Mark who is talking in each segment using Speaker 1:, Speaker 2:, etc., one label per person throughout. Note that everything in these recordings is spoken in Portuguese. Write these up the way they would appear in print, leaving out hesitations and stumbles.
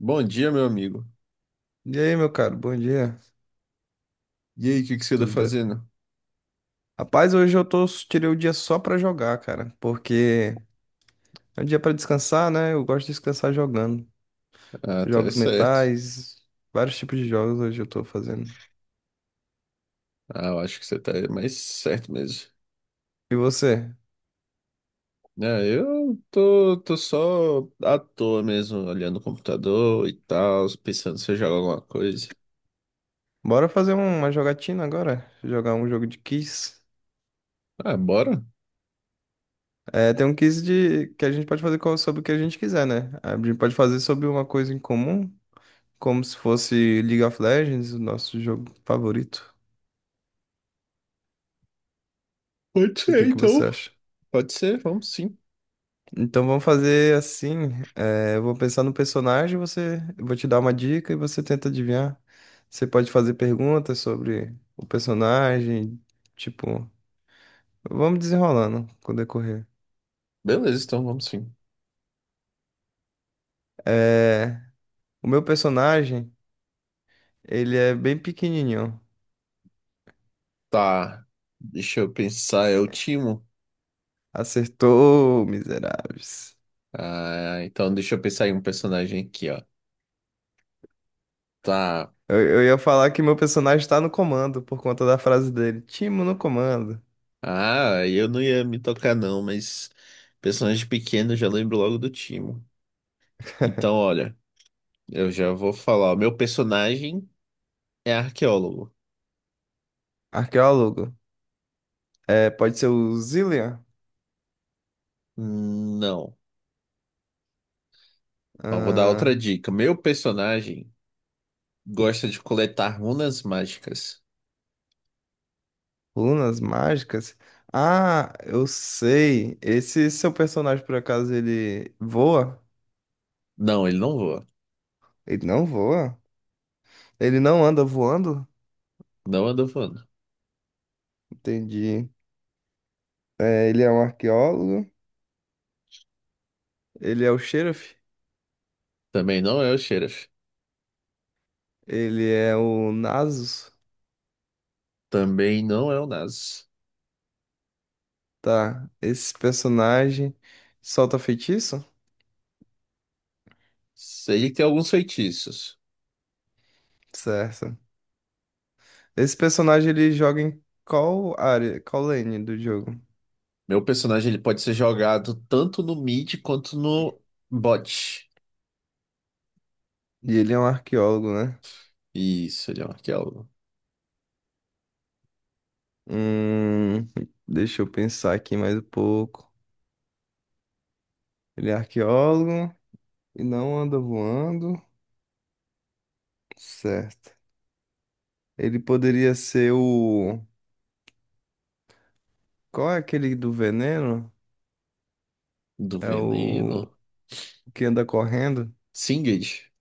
Speaker 1: Bom dia, meu amigo.
Speaker 2: E aí, meu caro, bom dia.
Speaker 1: E aí, o que que você tá
Speaker 2: Tudo bem?
Speaker 1: fazendo?
Speaker 2: Rapaz, hoje tirei o dia só pra jogar, cara, porque é um dia pra descansar, né? Eu gosto de descansar jogando.
Speaker 1: Ah, tá
Speaker 2: Jogos
Speaker 1: certo.
Speaker 2: mentais, vários tipos de jogos hoje eu tô fazendo.
Speaker 1: Ah, eu acho que você tá mais certo mesmo.
Speaker 2: E você?
Speaker 1: É, eu tô só à toa mesmo, olhando o computador e tal, pensando se eu jogo alguma coisa.
Speaker 2: Bora fazer uma jogatina agora? Jogar um jogo de quiz.
Speaker 1: Ah, bora?
Speaker 2: É, tem um quiz de que a gente pode fazer sobre o que a gente quiser, né? A gente pode fazer sobre uma coisa em comum, como se fosse League of Legends, o nosso jogo favorito.
Speaker 1: Pode
Speaker 2: O
Speaker 1: ser,
Speaker 2: que que
Speaker 1: então.
Speaker 2: você acha?
Speaker 1: Pode ser, vamos sim.
Speaker 2: Então vamos fazer assim. Eu vou pensar no personagem, você, eu vou te dar uma dica e você tenta adivinhar. Você pode fazer perguntas sobre o personagem, tipo, vamos desenrolando com o decorrer.
Speaker 1: Beleza, então vamos sim.
Speaker 2: Eh, o meu personagem, ele é bem pequenininho.
Speaker 1: Tá, deixa eu pensar, é o Timo?
Speaker 2: Acertou, miseráveis.
Speaker 1: Ah, então deixa eu pensar em um personagem aqui, ó. Tá.
Speaker 2: Eu ia falar que meu personagem está no comando por conta da frase dele. Timo no comando.
Speaker 1: Ah, eu não ia me tocar não, mas personagem pequeno eu já lembro logo do Timo. Então, olha, eu já vou falar. O meu personagem é arqueólogo.
Speaker 2: Arqueólogo. Pode ser o Zillian?
Speaker 1: Não. Ó, vou dar outra
Speaker 2: Ah,
Speaker 1: dica. Meu personagem gosta de coletar runas mágicas.
Speaker 2: Lunas mágicas? Ah, eu sei. Esse seu personagem, por acaso, ele voa?
Speaker 1: Não, ele não voa.
Speaker 2: Ele não voa? Ele não anda voando?
Speaker 1: Não anda voando.
Speaker 2: Entendi. É, ele é um arqueólogo. Ele é o Sheriff.
Speaker 1: Também não é o Xerath.
Speaker 2: Ele é o Nasus.
Speaker 1: Também não é o Nasus.
Speaker 2: Tá. Esse personagem solta feitiço?
Speaker 1: Ele tem alguns feitiços.
Speaker 2: Certo. Esse personagem ele joga em qual área, qual lane do jogo?
Speaker 1: Meu personagem ele pode ser jogado tanto no mid quanto no bot.
Speaker 2: E ele é um arqueólogo, né?
Speaker 1: Isso, ele é um arqueólogo.
Speaker 2: Hum, deixa eu pensar aqui mais um pouco. Ele é arqueólogo e não anda voando. Certo. Ele poderia ser o. Qual é aquele do veneno?
Speaker 1: Do
Speaker 2: É o
Speaker 1: veneno?
Speaker 2: que anda correndo?
Speaker 1: Singed?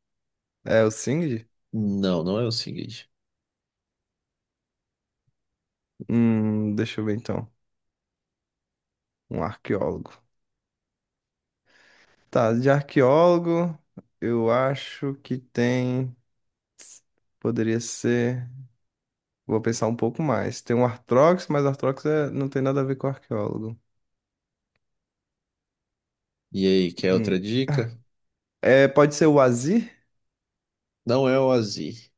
Speaker 2: É o Singed?
Speaker 1: Não, não é o Singed.
Speaker 2: Deixa eu ver então. Um arqueólogo. Tá, de arqueólogo, eu acho que tem. Poderia ser. Vou pensar um pouco mais. Tem um Arthrox, mas Arthrox é não tem nada a ver com arqueólogo.
Speaker 1: E aí, quer
Speaker 2: Hum.
Speaker 1: outra dica?
Speaker 2: É, pode ser o Azir?
Speaker 1: Não é o Azir.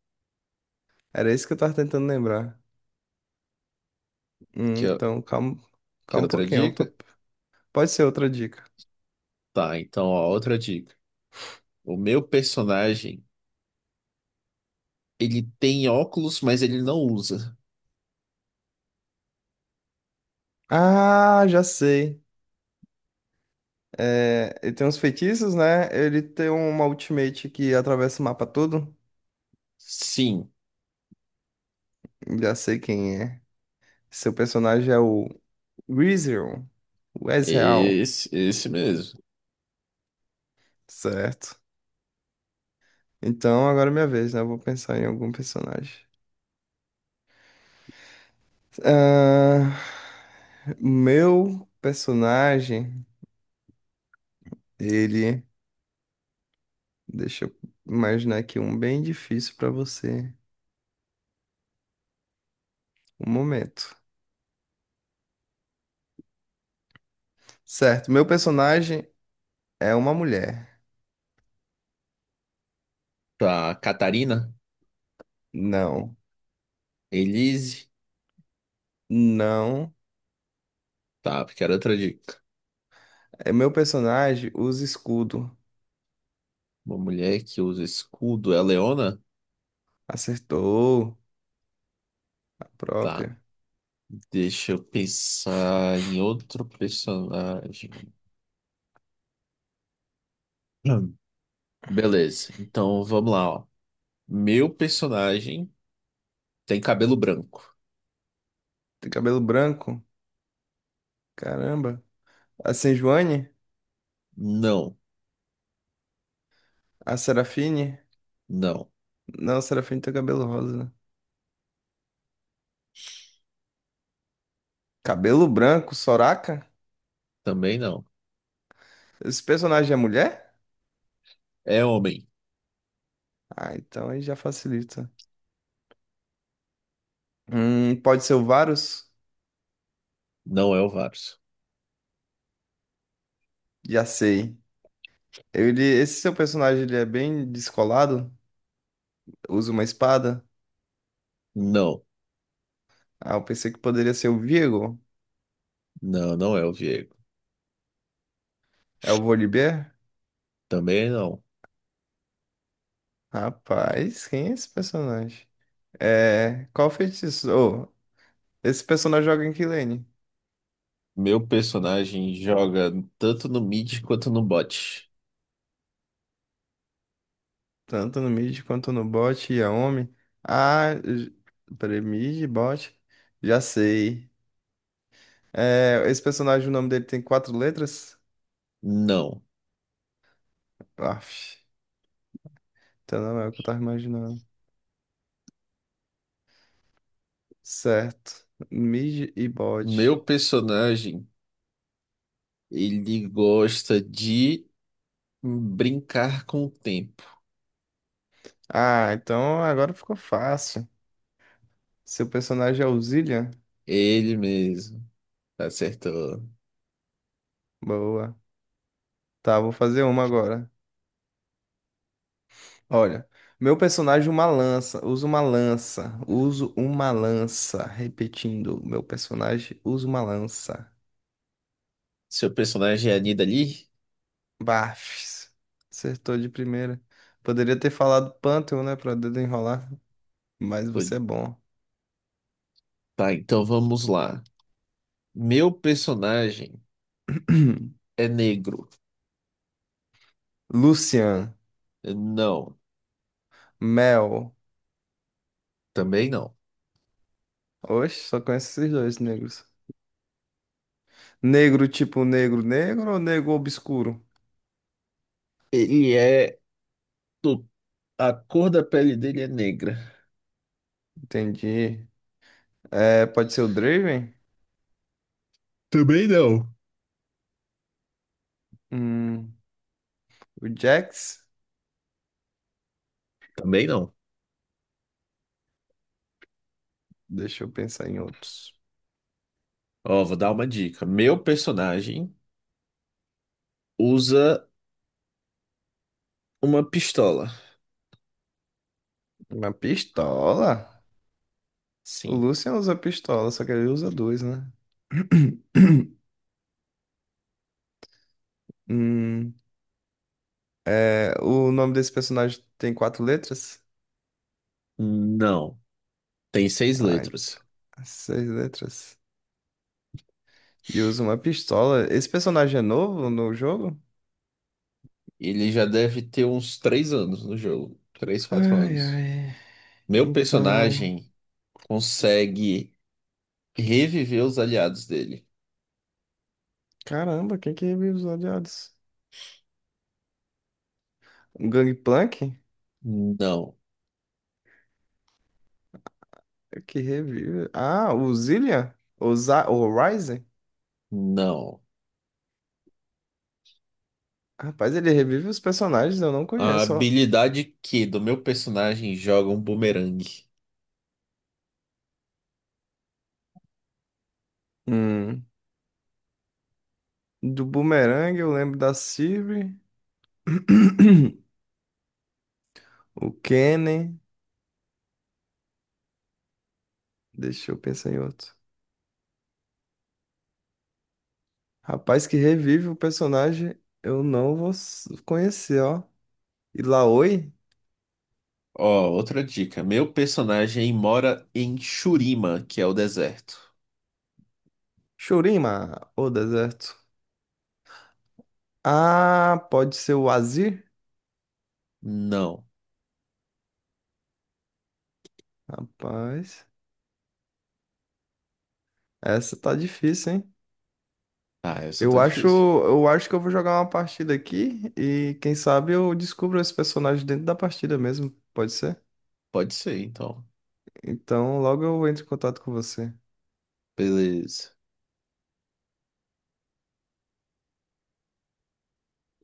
Speaker 2: Era isso que eu tava tentando lembrar.
Speaker 1: Quer,
Speaker 2: Então, calma,
Speaker 1: quer
Speaker 2: calma um
Speaker 1: outra
Speaker 2: pouquinho.
Speaker 1: dica?
Speaker 2: Pode ser outra dica.
Speaker 1: Tá, então, ó, outra dica. O meu personagem, ele tem óculos, mas ele não usa.
Speaker 2: Ah, já sei. É, ele tem uns feitiços, né? Ele tem uma ultimate que atravessa o mapa todo.
Speaker 1: Sim,
Speaker 2: Já sei quem é. Seu personagem é o Weezil. O Ezreal.
Speaker 1: esse mesmo.
Speaker 2: Certo. Então, agora é minha vez, né? Eu vou pensar em algum personagem. Ah, meu personagem, ele... Deixa eu imaginar aqui um bem difícil pra você. Um momento. Certo, meu personagem é uma mulher.
Speaker 1: Tá, Catarina?
Speaker 2: Não,
Speaker 1: Elise?
Speaker 2: não.
Speaker 1: Tá, porque era outra dica.
Speaker 2: É meu personagem usa escudo.
Speaker 1: Uma mulher que usa escudo é a Leona?
Speaker 2: Acertou a
Speaker 1: Tá,
Speaker 2: própria.
Speaker 1: deixa eu pensar em outro personagem. Hum. Beleza, então vamos lá, ó. Meu personagem tem cabelo branco.
Speaker 2: Tem cabelo branco? Caramba. A Sejuani?
Speaker 1: Não,
Speaker 2: A Serafine?
Speaker 1: não,
Speaker 2: Não, a Serafine tem cabelo rosa. Né? Cabelo branco, Soraka?
Speaker 1: também não.
Speaker 2: Esse personagem é mulher?
Speaker 1: É homem.
Speaker 2: Ah, então aí já facilita. Pode ser o Varus?
Speaker 1: Não é o Varus.
Speaker 2: Já sei. Esse seu personagem ele é bem descolado? Usa uma espada?
Speaker 1: Não,
Speaker 2: Ah, eu pensei que poderia ser o Viego.
Speaker 1: não, não é o Viego.
Speaker 2: É o Volibear?
Speaker 1: Também não.
Speaker 2: Rapaz, quem é esse personagem? É. Qual feitiço? Ô, esse personagem joga em que lane?
Speaker 1: Meu personagem joga tanto no mid quanto no bot.
Speaker 2: Tanto no mid quanto no bot e a Omi. Ah, peraí, mid, bot. Já sei. É, esse personagem, o nome dele tem quatro letras?
Speaker 1: Não.
Speaker 2: Aff, então não é o que eu tava imaginando. Certo. Mid e
Speaker 1: Meu
Speaker 2: bot.
Speaker 1: personagem, ele gosta de brincar com o tempo.
Speaker 2: Ah, então agora ficou fácil. Seu personagem é o Zillian?
Speaker 1: Ele mesmo. Acertou.
Speaker 2: Boa. Tá, vou fazer uma agora. Olha, meu personagem uma lança, usa uma lança, uso uma lança. Repetindo, meu personagem usa uma lança.
Speaker 1: Seu personagem é a Nidalee?
Speaker 2: Bafs. Acertou de primeira. Poderia ter falado Pantheon, né, pra desenrolar, mas você é bom.
Speaker 1: Tá, então vamos lá. Meu personagem é negro?
Speaker 2: Lucian,
Speaker 1: Não,
Speaker 2: Mel.
Speaker 1: também não.
Speaker 2: Oxe, só conheço esses dois negros. Negro tipo negro negro ou negro obscuro?
Speaker 1: Ele é do... A cor da pele dele é negra?
Speaker 2: Entendi. É, pode ser o Draven?
Speaker 1: Também não.
Speaker 2: Hum, o Jax?
Speaker 1: Também não.
Speaker 2: Deixa eu pensar em outros.
Speaker 1: Ó, vou dar uma dica. Meu personagem usa uma pistola.
Speaker 2: Uma pistola? O
Speaker 1: Sim.
Speaker 2: Lucian usa pistola, só que ele usa dois, né? Hum, é, o nome desse personagem tem quatro letras?
Speaker 1: Não. Tem seis
Speaker 2: Ai,
Speaker 1: letras.
Speaker 2: seis letras. E usa uma pistola. Esse personagem é novo no jogo?
Speaker 1: Ele já deve ter uns 3 anos no jogo. Três, quatro
Speaker 2: Ai,
Speaker 1: anos.
Speaker 2: ai.
Speaker 1: Meu
Speaker 2: Então.
Speaker 1: personagem consegue reviver os aliados dele?
Speaker 2: Caramba, quem que revive os odiados? O Gangplank?
Speaker 1: Não.
Speaker 2: Que revive. Ah, o Zillian? O Ryzen?
Speaker 1: Não.
Speaker 2: Rapaz, ele revive os personagens, eu não
Speaker 1: A
Speaker 2: conheço, ó.
Speaker 1: habilidade Q do meu personagem joga um bumerangue.
Speaker 2: Hum. Do Boomerang, eu lembro da Sylvie, o Kennen. Deixa eu pensar em outro. Rapaz que revive o personagem, eu não vou conhecer, ó. E Laoi?
Speaker 1: Ó, outra dica. Meu personagem mora em Shurima, que é o deserto.
Speaker 2: Shurima, o deserto. Ah, pode ser o Azir?
Speaker 1: Não.
Speaker 2: Rapaz, essa tá difícil, hein?
Speaker 1: Ah, essa tá difícil.
Speaker 2: Eu acho que eu vou jogar uma partida aqui e quem sabe eu descubro esse personagem dentro da partida mesmo, pode ser?
Speaker 1: Pode ser, então.
Speaker 2: Então logo eu entro em contato com você.
Speaker 1: Beleza.